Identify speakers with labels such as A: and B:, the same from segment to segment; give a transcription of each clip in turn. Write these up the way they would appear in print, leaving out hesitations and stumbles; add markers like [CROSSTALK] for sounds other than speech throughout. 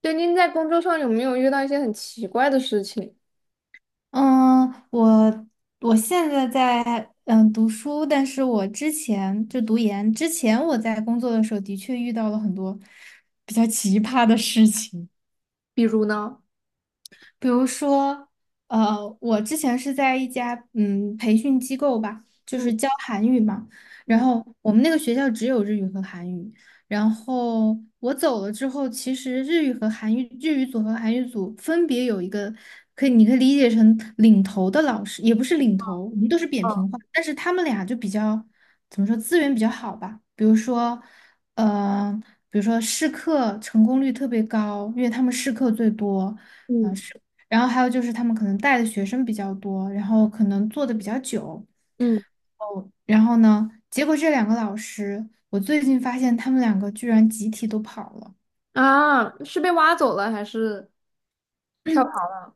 A: 对，您在工作上有没有遇到一些很奇怪的事情？
B: 嗯，我现在在读书，但是我之前读研之前，我在工作的时候的确遇到了很多比较奇葩的事情。
A: 比如呢？
B: 比如说，我之前是在一家培训机构吧，就是
A: 嗯
B: 教韩语嘛。然
A: 嗯
B: 后我们那个学校只有日语和韩语。然后我走了之后，其实日语组和韩语组分别有一个你可以理解成领头的老师，也不是领头，我们都是扁
A: 哦
B: 平化，但是他们俩就比较怎么说资源比较好吧，比如说，呃，比如说试课成功率特别高，因为他们试课最多。
A: 嗯
B: 然后还有就是他们可能带的学生比较多，然后可能做的比较久。
A: 嗯
B: 哦，然后呢，结果这两个老师，我最近发现他们两个居然集体都跑了。
A: 是被挖走了还是跳槽
B: [CLEARS THROAT]
A: 了？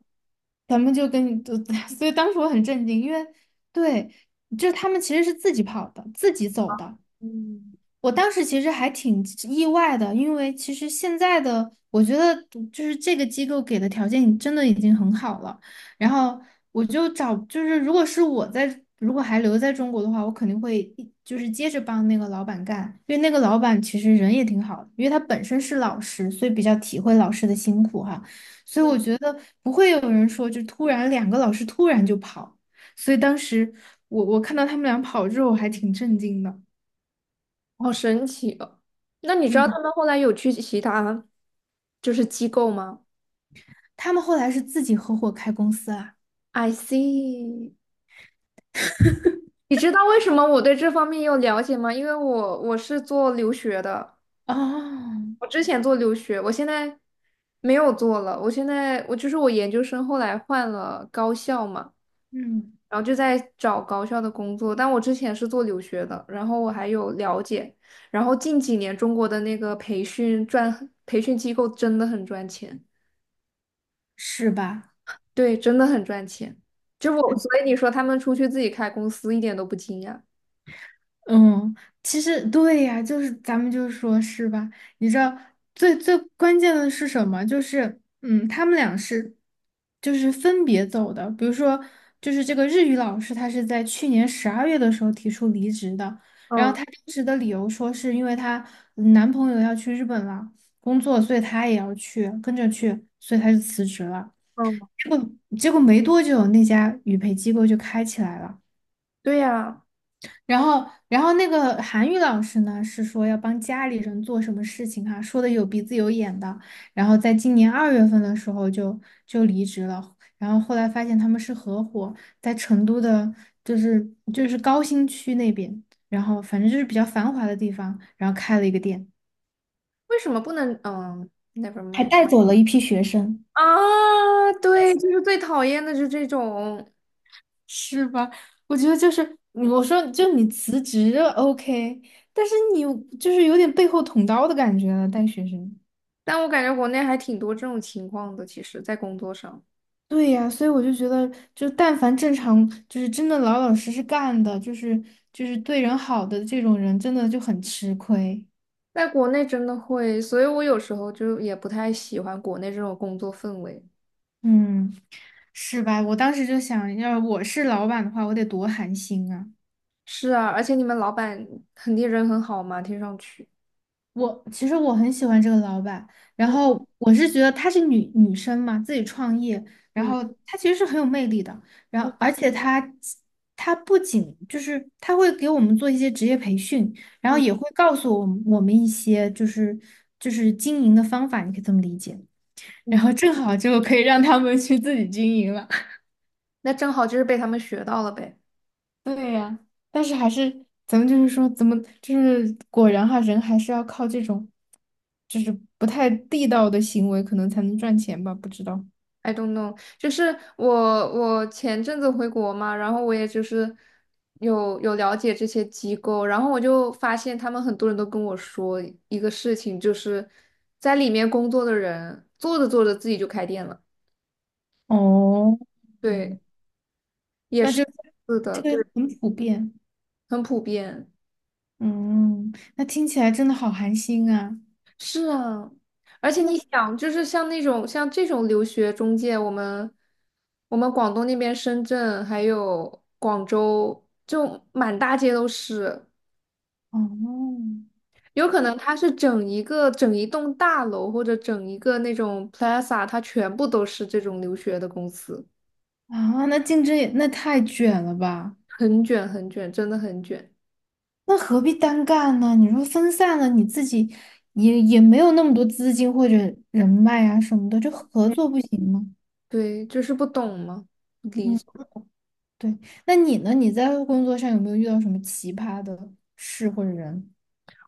B: 咱们就跟你，就 [LAUGHS] 所以当时我很震惊，因为对，就他们其实是自己跑的，自己走的，
A: 嗯，
B: 我当时其实还挺意外的，因为其实现在的我觉得就是这个机构给的条件真的已经很好了。然后我就找，就是如果是我在，如果还留在中国的话，我肯定会就是接着帮那个老板干，因为那个老板其实人也挺好的，因为他本身是老师，所以比较体会老师的辛苦哈。所以我觉得不会有人说就突然两个老师突然就跑，所以当时我看到他们俩跑之后，我还挺震惊的。
A: 好神奇哦！那你知道
B: 嗯。
A: 他们后来有去其他就是机构吗
B: 他们后来是自己合伙开公司啊。
A: ？I see。你知道为什么我对这方面有了解吗？因为我是做留学的。
B: 哦，
A: 我之前做留学，我现在没有做了。我现在我就是我研究生后来换了高校嘛，
B: 嗯，
A: 然后就在找高校的工作。但我之前是做留学的，然后我还有了解。然后近几年中国的那个培训机构真的很赚钱，
B: 是吧？
A: 对，真的很赚钱。就我，所以你说他们出去自己开公司一点都不惊讶。
B: 嗯，其实对呀，就是咱们就说是吧？你知道最最关键的是什么？就是他们俩是就是分别走的。比如说，就是这个日语老师，他是在去年十二月的时候提出离职的，然后
A: 嗯
B: 她当时的理由说是因为她男朋友要去日本了工作，所以她也要去跟着去，所以她就辞职了。
A: 嗯，
B: 结果没多久，那家语培机构就开起来了。
A: 对呀，
B: 然后，然后那个韩语老师呢，是说要帮家里人做什么事情哈、说的有鼻子有眼的。然后在今年二月份的时候就离职了。然后后来发现他们是合伙，在成都的，就是就是高新区那边，然后反正就是比较繁华的地方，然后开了一个店，
A: 为什么不能？嗯，never
B: 还
A: mind。
B: 带走了一批学生。
A: 啊，对，就是最讨厌的是这种。
B: 是吧？我觉得就是我说就你辞职 OK，但是你就是有点背后捅刀的感觉了，带学生。
A: 但我感觉国内还挺多这种情况的，其实，在工作上，
B: 对呀，所以我就觉得，就但凡正常，就是真的老老实实干的，就是对人好的这种人，真的就很吃亏。
A: 在国内真的会，所以我有时候就也不太喜欢国内这种工作氛围。
B: 嗯，是吧？我当时就想，要我是老板的话，我得多寒心啊。
A: 是啊，而且你们老板肯定人很好嘛，听上去。
B: 我其实我很喜欢这个老板，然
A: 嗯
B: 后我是觉得她是女生嘛，自己创业，然
A: 嗯
B: 后她其实是很有魅力的，然后
A: 嗯
B: 而且她不仅就是她会给我们做一些职业培训，然后
A: 嗯
B: 也会告诉我们一些就是就是经营的方法，你可以这么理解，
A: 嗯，
B: 然
A: 嗯，
B: 后正好就可以让他们去自己经营了。
A: 那正好就是被他们学到了呗。
B: 对呀，但是还是咱们就是说，怎么就是果然哈，人还是要靠这种，就是不太地道的行为，可能才能赚钱吧？不知道，
A: I don't know,就是我前阵子回国嘛，然后我也就是有了解这些机构，然后我就发现他们很多人都跟我说一个事情，就是在里面工作的人做着做着自己就开店了，
B: 哦，
A: 对，
B: 嗯，
A: 也
B: 那
A: 是，
B: 就
A: 是的，
B: 这个
A: 对，
B: 很普遍。
A: 很普遍。
B: 嗯，那听起来真的好寒心啊。
A: 是啊，而且你
B: 那
A: 想，就是像那种像这种留学中介，我们广东那边深圳还有广州，就满大街都是。
B: 哦，
A: 有可能它是整一栋大楼或者整一个那种 plaza，它全部都是这种留学的公司。
B: 啊，那竞争也那太卷了吧？
A: 很卷很卷，真的很卷。
B: 那何必单干呢？你说分散了，你自己也也没有那么多资金或者人脉啊什么的，就合
A: 嗯，
B: 作不行吗？
A: 对，就是不懂嘛。
B: 嗯。对，那你呢？你在工作上有没有遇到什么奇葩的事或者人？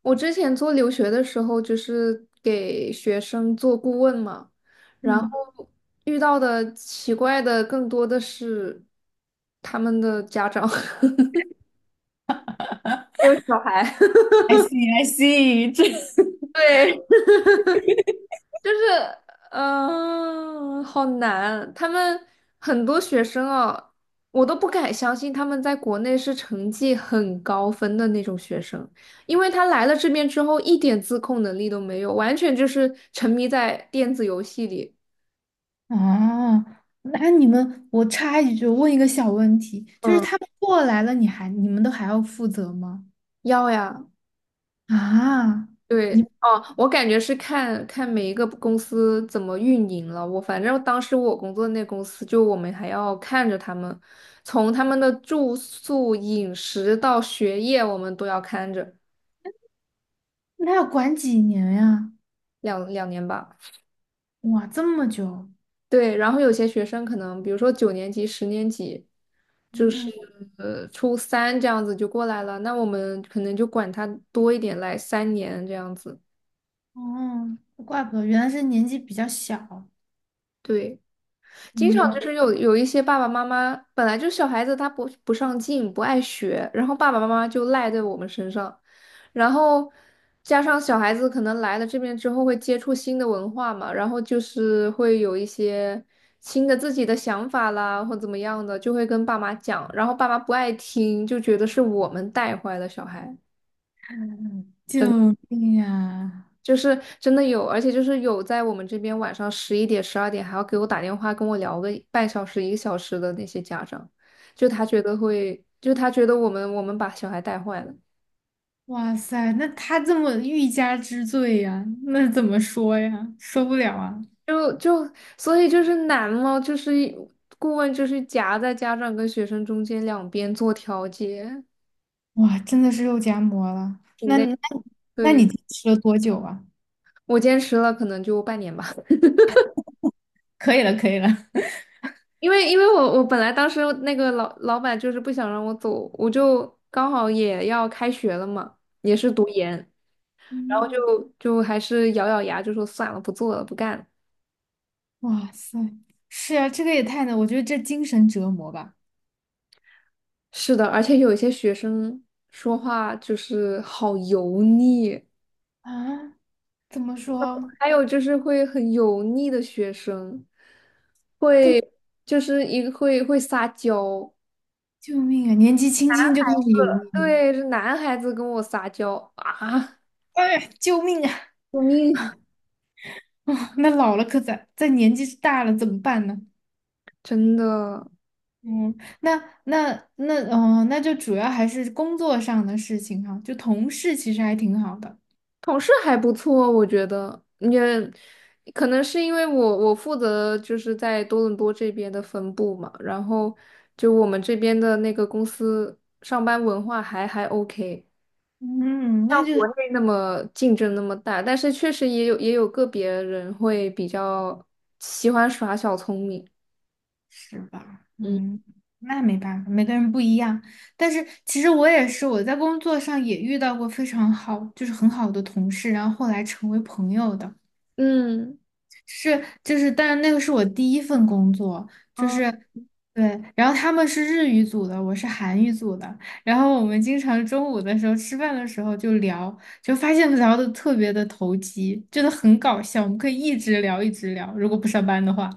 A: 我之前做留学的时候，就是给学生做顾问嘛，然后
B: 嗯
A: 遇到的奇怪的更多的是他们的家长。[LAUGHS] 没有小孩，
B: ，I see, I see，这
A: [LAUGHS] 对，就是好难。他们很多学生啊，我都不敢相信他们在国内是成绩很高分的那种学生，因为他来了这边之后一点自控能力都没有，完全就是沉迷在电子游戏里。
B: [LAUGHS] 啊，那你们，我插一句，问一个小问题，就是
A: 嗯，
B: 他们过来了，你们都还要负责吗？
A: 要呀，
B: 啊，你
A: 对，哦，我感觉是看看每一个公司怎么运营了。我反正当时我工作那公司，就我们还要看着他们，从他们的住宿、饮食到学业，我们都要看着。
B: 那要管几年呀？
A: 两年吧。
B: 哇，这么久。
A: 对，然后有些学生可能，比如说九年级、十年级，就是
B: 嗯，
A: 呃初三这样子就过来了，那我们可能就管他多一点，来三年这样子。
B: 哦，怪不得原来是年纪比较小，
A: 对。经常就
B: 嗯，
A: 是有一些爸爸妈妈本来就小孩子他不上进不爱学，然后爸爸妈妈就赖在我们身上，然后加上小孩子可能来了这边之后会接触新的文化嘛，然后就是会有一些新的自己的想法啦或怎么样的，就会跟爸妈讲，然后爸妈不爱听，就觉得是我们带坏了小孩。真。
B: 救命呀！
A: 就是真的有，而且就是有在我们这边晚上十一点、十二点还要给我打电话跟我聊个半小时、一个小时的那些家长，就他觉得会，就他觉得我们把小孩带坏了。
B: 哇塞，那他这么欲加之罪呀，那怎么说呀？受不了啊！
A: 就就所以就是难嘛，就是顾问就是夹在家长跟学生中间两边做调节，
B: 哇，真的是肉夹馍了。
A: 挺
B: 那
A: 累。
B: 那那
A: 对，
B: 你吃了多久啊？
A: 我坚持了可能就半年吧。[LAUGHS]
B: 可以了，可以了。[LAUGHS]
A: 因为我本来当时那个老板就是不想让我走，我就刚好也要开学了嘛，也是读研，然后
B: 嗯，
A: 就就还是咬咬牙，就说算了，不做了，不干了。
B: 哇塞，是啊，这个也太难，我觉得这精神折磨吧。
A: 是的，而且有一些学生说话就是好油腻，
B: 啊，怎么说？
A: 还有就是会很油腻的学生，会就是一个会撒娇。
B: 这么救命啊！年纪轻轻就开始油腻，
A: 对，是男孩子跟我撒娇啊，
B: 哎呀，救命啊！
A: [LAUGHS] 救命啊！
B: [LAUGHS] 啊，那老了可咋？再年纪大了怎么办呢？
A: 真的。
B: 嗯，那那就主要还是工作上的事情哈、就同事其实还挺好的。
A: 同事还不错，我觉得也可能是因为我负责就是在多伦多这边的分部嘛，然后就我们这边的那个公司上班文化还 OK，
B: 嗯，
A: 像
B: 那就
A: 国内那么竞争那么大，但是确实也有个别人会比较喜欢耍小聪明。
B: 是吧，
A: 嗯
B: 嗯，那没办法，每个人不一样。但是其实我也是，我在工作上也遇到过非常好，就是很好的同事，然后后来成为朋友的。
A: 嗯，
B: 是，就是，但是那个是我第一份工作，就
A: 啊，
B: 是，对，然后他们是日语组的，我是韩语组的，然后我们经常中午的时候吃饭的时候就聊，就发现聊的特别的投机，真的很搞笑，我们可以一直聊一直聊，如果不上班的话。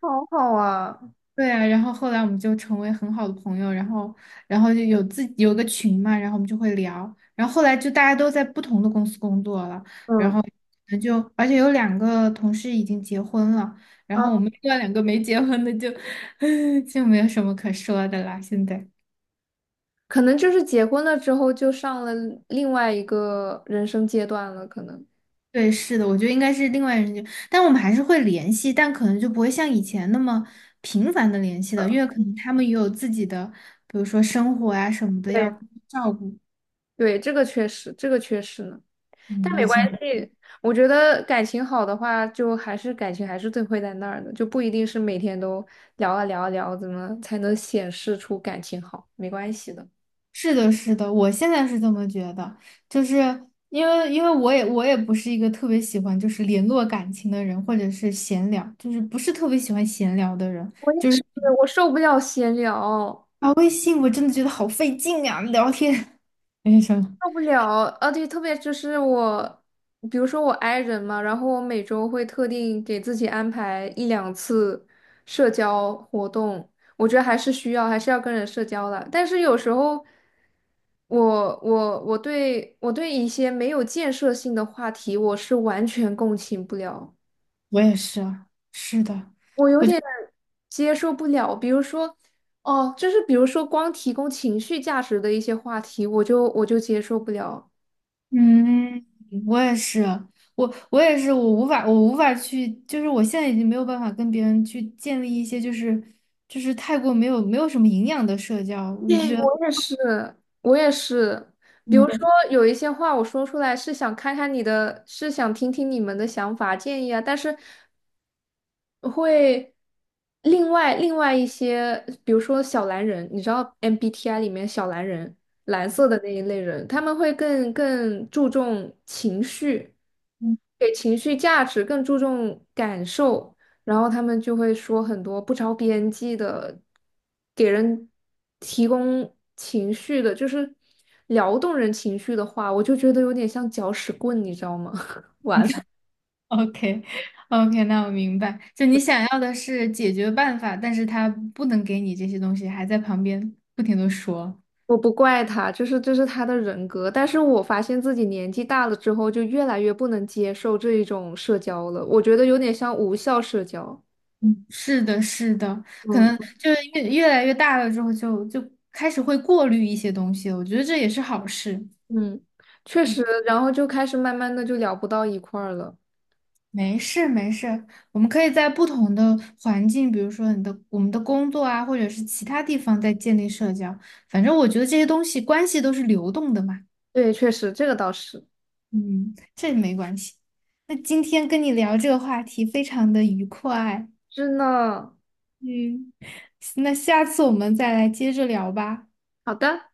A: 好好啊。
B: 对啊，然后后来我们就成为很好的朋友，然后，然后就有自己有个群嘛，然后我们就会聊，然后后来就大家都在不同的公司工作了。
A: 嗯。
B: 那就而且有两个同事已经结婚了，然后我
A: 啊。
B: 们另外两个没结婚的就 [LAUGHS] 就没有什么可说的啦。现在，
A: 可能就是结婚了之后就上了另外一个人生阶段了，可能。
B: 对，是的，我觉得应该是另外人就，但我们还是会联系，但可能就不会像以前那么频繁的联系了，因为可能他们也有自己的，比如说生活啊什么的要
A: 对。
B: 照顾。
A: 对，这个确实，这个确实呢，但
B: 嗯，
A: 没
B: [LAUGHS]
A: 关
B: 很。
A: 系。我觉得感情好的话，就还是感情还是最会在那儿的，就不一定是每天都聊啊聊啊聊，怎么才能显示出感情好？没关系的。
B: 是的，是的，我现在是这么觉得，就是因为我也不是一个特别喜欢就是联络感情的人，或者是闲聊，就是不是特别喜欢闲聊的人，
A: 我也
B: 就是
A: 是，我受不了闲聊。
B: 啊微信我真的觉得好费劲啊，聊天。[LAUGHS] 没什么，
A: 受不了，啊，对，特别就是我，比如说我 i 人嘛，然后我每周会特定给自己安排一两次社交活动，我觉得还是需要，还是要跟人社交的。但是有时候我我对一些没有建设性的话题，我是完全共情不了，
B: 我也是啊，是的，
A: 我有点接受不了。比如说，哦，就是比如说光提供情绪价值的一些话题，我就接受不了。
B: 嗯，我也是，我也是，我无法去，就是我现在已经没有办法跟别人去建立一些就是太过没有什么营养的社交，我就
A: 对，
B: 觉得。
A: 我也是，我也是。比如说，
B: 嗯。
A: 有一些话我说出来是想看看你的，是想听听你们的想法建议啊，但是会另外一些，比如说小蓝人，你知道 MBTI 里面小蓝人，蓝色的那一类人，他们会更注重情绪，给情绪价值，更注重感受。然后他们就会说很多不着边际的，给人提供情绪的，就是撩动人情绪的话，我就觉得有点像搅屎棍，你知道吗？[LAUGHS]
B: [LAUGHS] OK OK，那我明白，就你想要的是解决办法，但是他不能给你这些东西，还在旁边不停的说。
A: 我不怪他，就是这是他的人格，但是我发现自己年纪大了之后，就越来越不能接受这一种社交了，我觉得有点像无效社交。
B: 嗯，是的，是的，可
A: 嗯，
B: 能就是越来越大了之后就，就开始会过滤一些东西了，我觉得这也是好事。
A: 嗯，确实，
B: 嗯，
A: 然后就开始慢慢的就聊不到一块儿了。
B: 没事没事，我们可以在不同的环境，比如说我们的工作啊，或者是其他地方在建立社交，反正我觉得这些东西关系都是流动的嘛。
A: 对，确实，这个倒是。
B: 嗯，这没关系。那今天跟你聊这个话题非常的愉快，
A: 真的。
B: 嗯，[LAUGHS] 那下次我们再来接着聊吧。
A: 好的。